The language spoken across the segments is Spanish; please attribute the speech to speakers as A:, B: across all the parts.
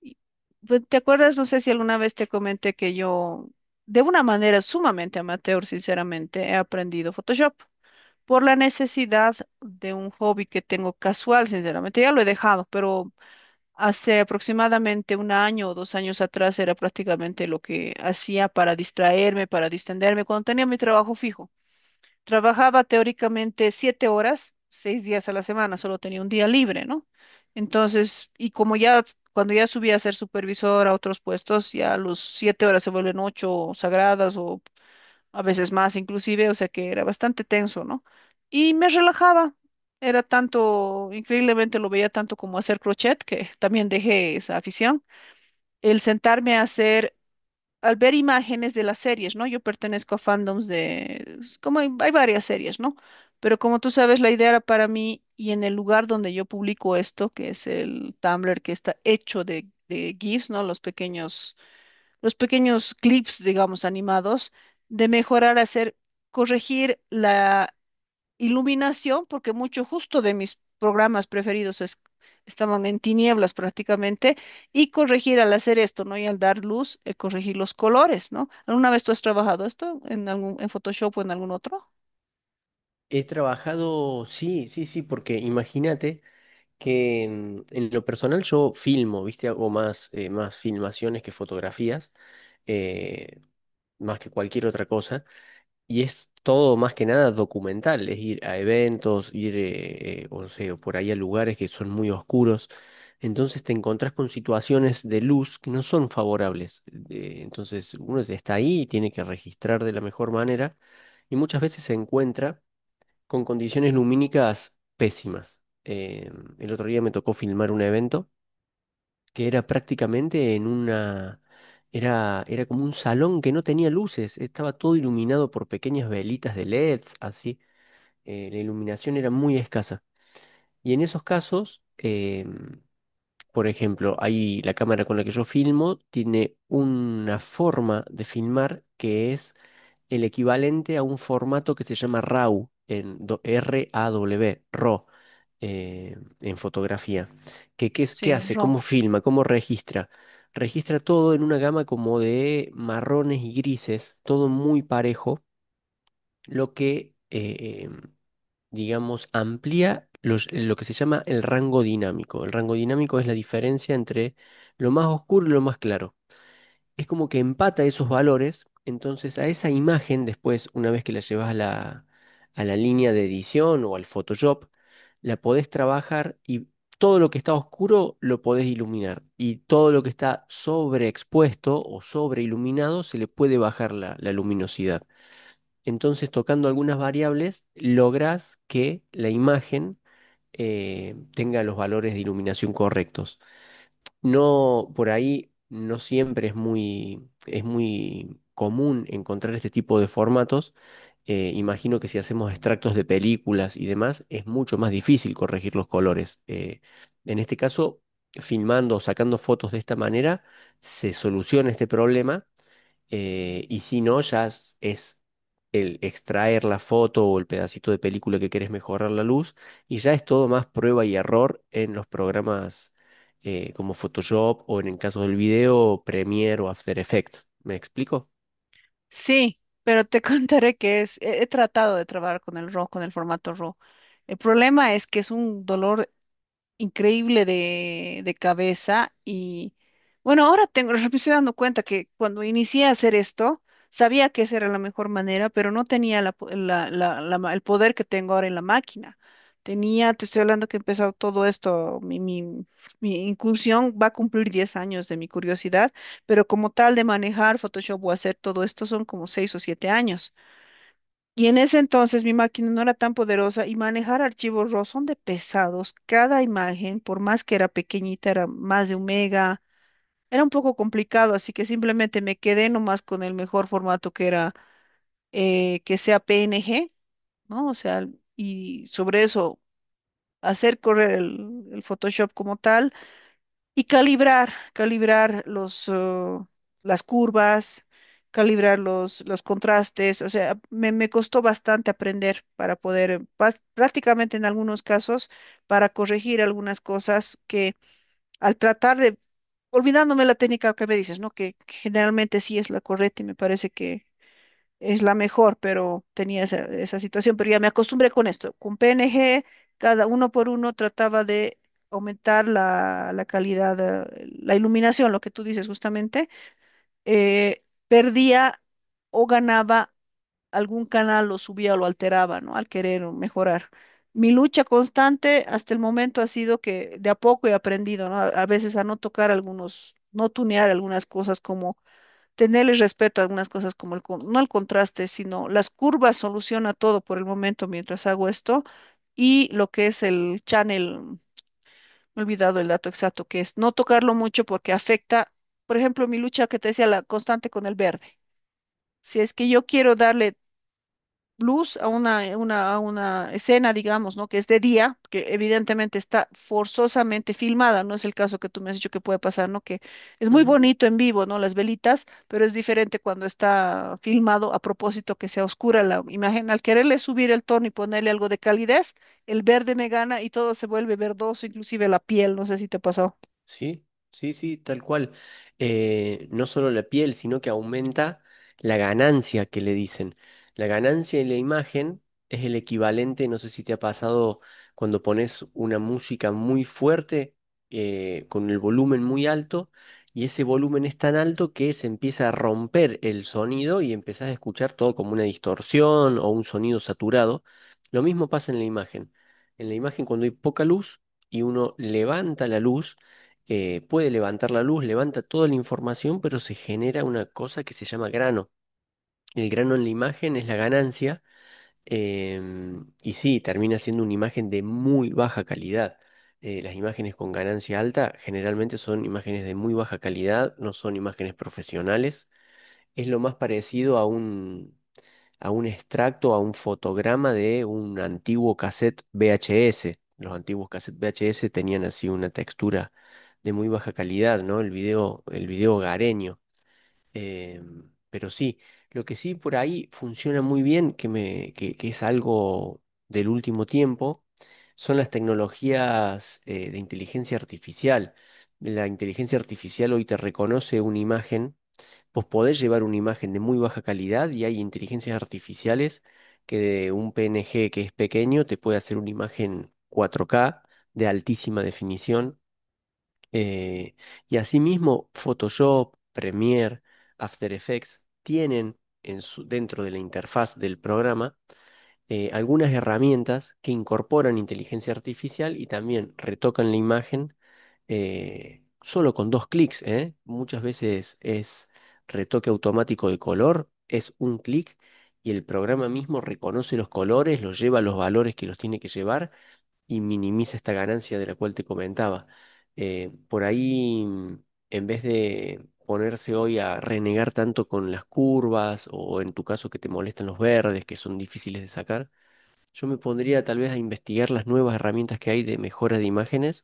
A: Y, pues, ¿te acuerdas? No sé si alguna vez te comenté que yo, de una manera sumamente amateur, sinceramente, he aprendido Photoshop por la necesidad de un hobby que tengo casual, sinceramente. Ya lo he dejado, pero hace aproximadamente un año o 2 años atrás era prácticamente lo que hacía para distraerme, para distenderme, cuando tenía mi trabajo fijo. Trabajaba teóricamente 7 horas, 6 días a la semana, solo tenía un día libre, ¿no? Entonces, y como ya, cuando ya subí a ser supervisor a otros puestos, ya los 7 horas se vuelven ocho sagradas o a veces más inclusive, o sea que era bastante tenso, ¿no? Y me relajaba, era tanto, increíblemente lo veía tanto como hacer crochet, que también dejé esa afición. El sentarme a hacer al ver imágenes de las series, ¿no? Yo pertenezco a fandoms de, es como hay varias series, ¿no? Pero como tú sabes, la idea era para mí y en el lugar donde yo publico esto, que es el Tumblr, que está hecho de GIFs, ¿no? Los pequeños clips, digamos, animados, de mejorar, hacer, corregir la iluminación, porque mucho justo de mis programas preferidos estaban en tinieblas prácticamente, y corregir al hacer esto, ¿no? Y al dar luz, corregir los colores, ¿no? ¿Alguna vez tú has trabajado esto en algún, en Photoshop o en algún otro?
B: He trabajado, sí, sí, sí, porque imagínate que en lo personal yo filmo, ¿viste? Hago más, más filmaciones que fotografías, eh, más que cualquier otra cosa, y es todo más que nada documental, es ir a eventos, ir, o sea, por ahí a lugares que son muy oscuros, entonces te encontrás con situaciones de luz que no son favorables, entonces uno está ahí y tiene que registrar de la mejor manera, y muchas veces se encuentra con condiciones lumínicas pésimas. El otro día me tocó filmar un evento que era prácticamente en una... Era, como un salón que no tenía luces, estaba todo iluminado por pequeñas velitas de LEDs, así. La iluminación era muy escasa. Y en esos casos, por ejemplo, ahí la cámara con la que yo filmo tiene una forma de filmar que es el equivalente a un formato que se llama RAW, en R-A-W, RAW, eh, en fotografía. ¿Qué, qué
A: Sí,
B: hace? ¿Cómo
A: RAW.
B: filma? ¿Cómo registra? Registra todo en una gama como de marrones y grises, todo muy parejo, lo que, digamos, amplía lo que se llama el rango dinámico. El rango dinámico es la diferencia entre lo más oscuro y lo más claro, es como que empata esos valores. Entonces a esa imagen después, una vez que la llevas a a la línea de edición o al Photoshop, la podés trabajar, y todo lo que está oscuro lo podés iluminar, y todo lo que está sobreexpuesto o sobreiluminado se le puede bajar la luminosidad. Entonces, tocando algunas variables, lográs que la imagen tenga los valores de iluminación correctos. No, por ahí no siempre es muy común encontrar este tipo de formatos. Imagino que si hacemos extractos de películas y demás, es mucho más difícil corregir los colores. En este caso, filmando o sacando fotos de esta manera, se soluciona este problema. Y si no, ya es el extraer la foto o el pedacito de película que querés mejorar la luz. Y ya es todo más prueba y error en los programas, como Photoshop o en el caso del video, Premiere o After Effects. ¿Me explico?
A: Sí, pero te contaré que es, he tratado de trabajar con el RAW, con el formato RAW. El problema es que es un dolor increíble de cabeza y bueno, ahora tengo, me estoy dando cuenta que cuando inicié a hacer esto, sabía que esa era la mejor manera, pero no tenía la po- la- la- la ma- el poder que tengo ahora en la máquina. Tenía, te estoy hablando que he empezado todo esto, mi incursión va a cumplir 10 años de mi curiosidad, pero como tal de manejar Photoshop o hacer todo esto son como 6 o 7 años. Y en ese entonces mi máquina no era tan poderosa y manejar archivos RAW son de pesados. Cada imagen, por más que era pequeñita, era más de un mega. Era un poco complicado, así que simplemente me quedé nomás con el mejor formato que era que sea PNG, ¿no? O sea, y sobre eso hacer correr el Photoshop como tal y calibrar las curvas, calibrar los contrastes. O sea, me costó bastante aprender para poder, prácticamente en algunos casos, para corregir algunas cosas que al tratar de, olvidándome la técnica que me dices, ¿no? Que generalmente sí es la correcta y me parece que es la mejor, pero tenía esa situación, pero ya me acostumbré con esto. Con PNG, cada uno por uno trataba de aumentar la calidad, la iluminación, lo que tú dices justamente, eh, perdía o ganaba algún canal, lo subía o lo alteraba, ¿no? Al querer mejorar. Mi lucha constante hasta el momento ha sido que de a poco he aprendido, ¿no? A veces a no tocar algunos, no tunear algunas cosas como tenerle respeto a algunas cosas como no el contraste, sino las curvas soluciona todo por el momento mientras hago esto y lo que es el channel, me he olvidado el dato exacto, que es no tocarlo mucho porque afecta, por ejemplo, mi lucha que te decía, la constante con el verde. Si es que yo quiero darle luz a una escena, digamos, ¿no? Que es de día, que evidentemente está forzosamente filmada, no es el caso que tú me has dicho que puede pasar, ¿no? Que es muy bonito en vivo, ¿no? Las velitas, pero es diferente cuando está filmado a propósito que sea oscura la imagen. Al quererle subir el tono y ponerle algo de calidez, el verde me gana y todo se vuelve verdoso, inclusive la piel, no sé si te pasó.
B: Sí, sí, sí, tal cual. No solo la piel, sino que aumenta la ganancia, que le dicen. La ganancia en la imagen es el equivalente. No sé si te ha pasado cuando pones una música muy fuerte, con el volumen muy alto, y ese volumen es tan alto que se empieza a romper el sonido y empezás a escuchar todo como una distorsión o un sonido saturado. Lo mismo pasa en la imagen. En la imagen, cuando hay poca luz y uno levanta la luz, puede levantar la luz, levanta toda la información, pero se genera una cosa que se llama grano. El grano en la imagen es la ganancia, y sí, termina siendo una imagen de muy baja calidad. Las imágenes con ganancia alta generalmente son imágenes de muy baja calidad, no son imágenes profesionales. Es lo más parecido a un extracto, a un fotograma de un antiguo cassette VHS. Los antiguos cassettes VHS tenían así una textura de muy baja calidad, ¿no? El video hogareño. Eh, pero sí, lo que sí por ahí funciona muy bien, que es algo del último tiempo, son las tecnologías de inteligencia artificial. La inteligencia artificial hoy te reconoce una imagen. Vos podés llevar una imagen de muy baja calidad y hay inteligencias artificiales que, de un PNG que es pequeño, te puede hacer una imagen 4K de altísima definición. eh, y asimismo, Photoshop, Premiere, After Effects tienen en dentro de la interfaz del programa algunas herramientas que incorporan inteligencia artificial y también retocan la imagen solo con dos clics, ¿eh? Muchas veces es retoque automático de color, es un clic, y el programa mismo reconoce los colores, los lleva a los valores que los tiene que llevar y minimiza esta ganancia de la cual te comentaba. Eh, por ahí, mm, en vez de ponerse hoy a renegar tanto con las curvas, o en tu caso que te molestan los verdes, que son difíciles de sacar, yo me pondría tal vez a investigar las nuevas herramientas que hay de mejora de imágenes,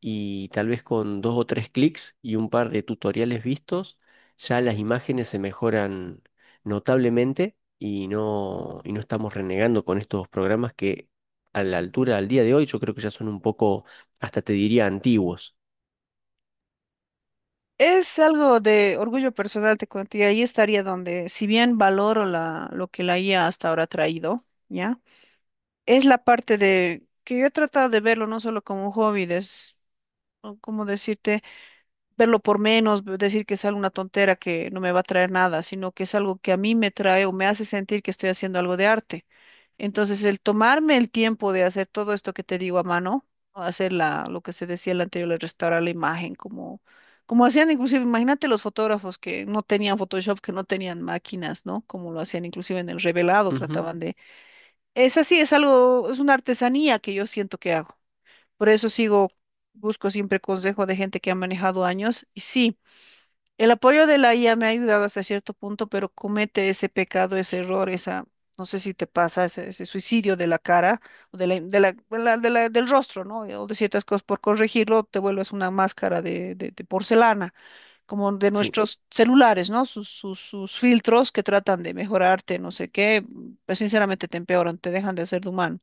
B: y tal vez con dos o tres clics y un par de tutoriales vistos, ya las imágenes se mejoran notablemente, y no estamos renegando con estos programas que a la altura al día de hoy yo creo que ya son un poco, hasta te diría, antiguos.
A: Es algo de orgullo personal, te cuento, y ahí estaría donde, si bien valoro lo que la IA hasta ahora ha traído, ¿ya? Es la parte de que yo he tratado de verlo no solo como un hobby, o como decirte, verlo por menos, decir que es alguna tontera que no me va a traer nada, sino que es algo que a mí me trae o me hace sentir que estoy haciendo algo de arte. Entonces, el tomarme el tiempo de hacer todo esto que te digo a mano, o hacer lo que se decía el anterior, de restaurar la imagen, como hacían inclusive, imagínate los fotógrafos que no tenían Photoshop, que no tenían máquinas, ¿no? Como lo hacían inclusive en el revelado,
B: Ujú.
A: trataban de esa sí es algo, es una artesanía que yo siento que hago. Por eso sigo, busco siempre consejo de gente que ha manejado años. Y sí, el apoyo de la IA me ha ayudado hasta cierto punto, pero comete ese pecado, ese error, esa, no sé si te pasa, ese suicidio de la cara o del rostro, ¿no? O de ciertas cosas por corregirlo, te vuelves una máscara de porcelana como de
B: Sí.
A: nuestros celulares, ¿no? Sus filtros que tratan de mejorarte, no sé qué, pues sinceramente te empeoran, te dejan de hacer de humano.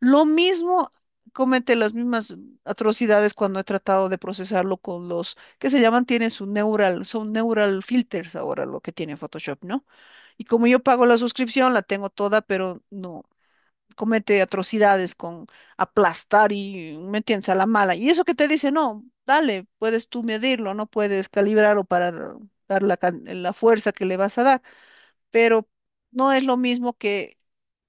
A: Lo mismo, comete las mismas atrocidades cuando he tratado de procesarlo con los que se llaman, tiene su neural, son neural filters ahora lo que tiene Photoshop, ¿no? Y como yo pago la suscripción, la tengo toda, pero no comete atrocidades con aplastar y, ¿me entiendes?, a la mala. Y eso que te dice, no, dale, puedes tú medirlo, no puedes calibrarlo para dar la fuerza que le vas a dar, pero no es lo mismo que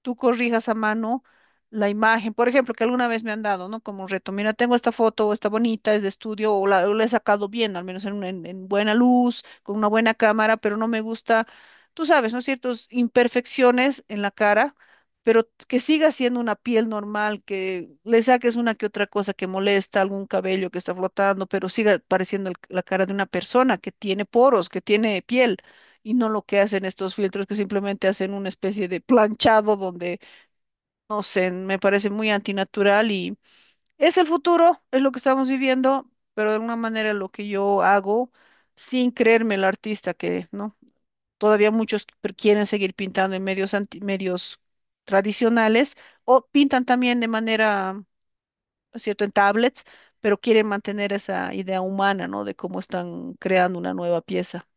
A: tú corrijas a mano la imagen, por ejemplo, que alguna vez me han dado, ¿no? Como un reto, mira, tengo esta foto, o está bonita, es de estudio, o la he sacado bien, al menos en buena luz, con una buena cámara, pero no me gusta, tú sabes, ¿no? Ciertas imperfecciones en la cara, pero que siga siendo una piel normal, que le saques una que otra cosa que molesta, algún cabello que está flotando, pero siga pareciendo la cara de una persona que tiene poros, que tiene piel y no lo que hacen estos filtros que simplemente hacen una especie de planchado donde, no sé, me parece muy antinatural y es el futuro, es lo que estamos viviendo, pero de alguna manera lo que yo hago sin creerme el artista que, ¿no? Todavía muchos quieren seguir pintando en medios medios tradicionales o pintan también de manera, ¿no es cierto?, en tablets, pero quieren mantener esa idea humana, ¿no? De cómo están creando una nueva pieza.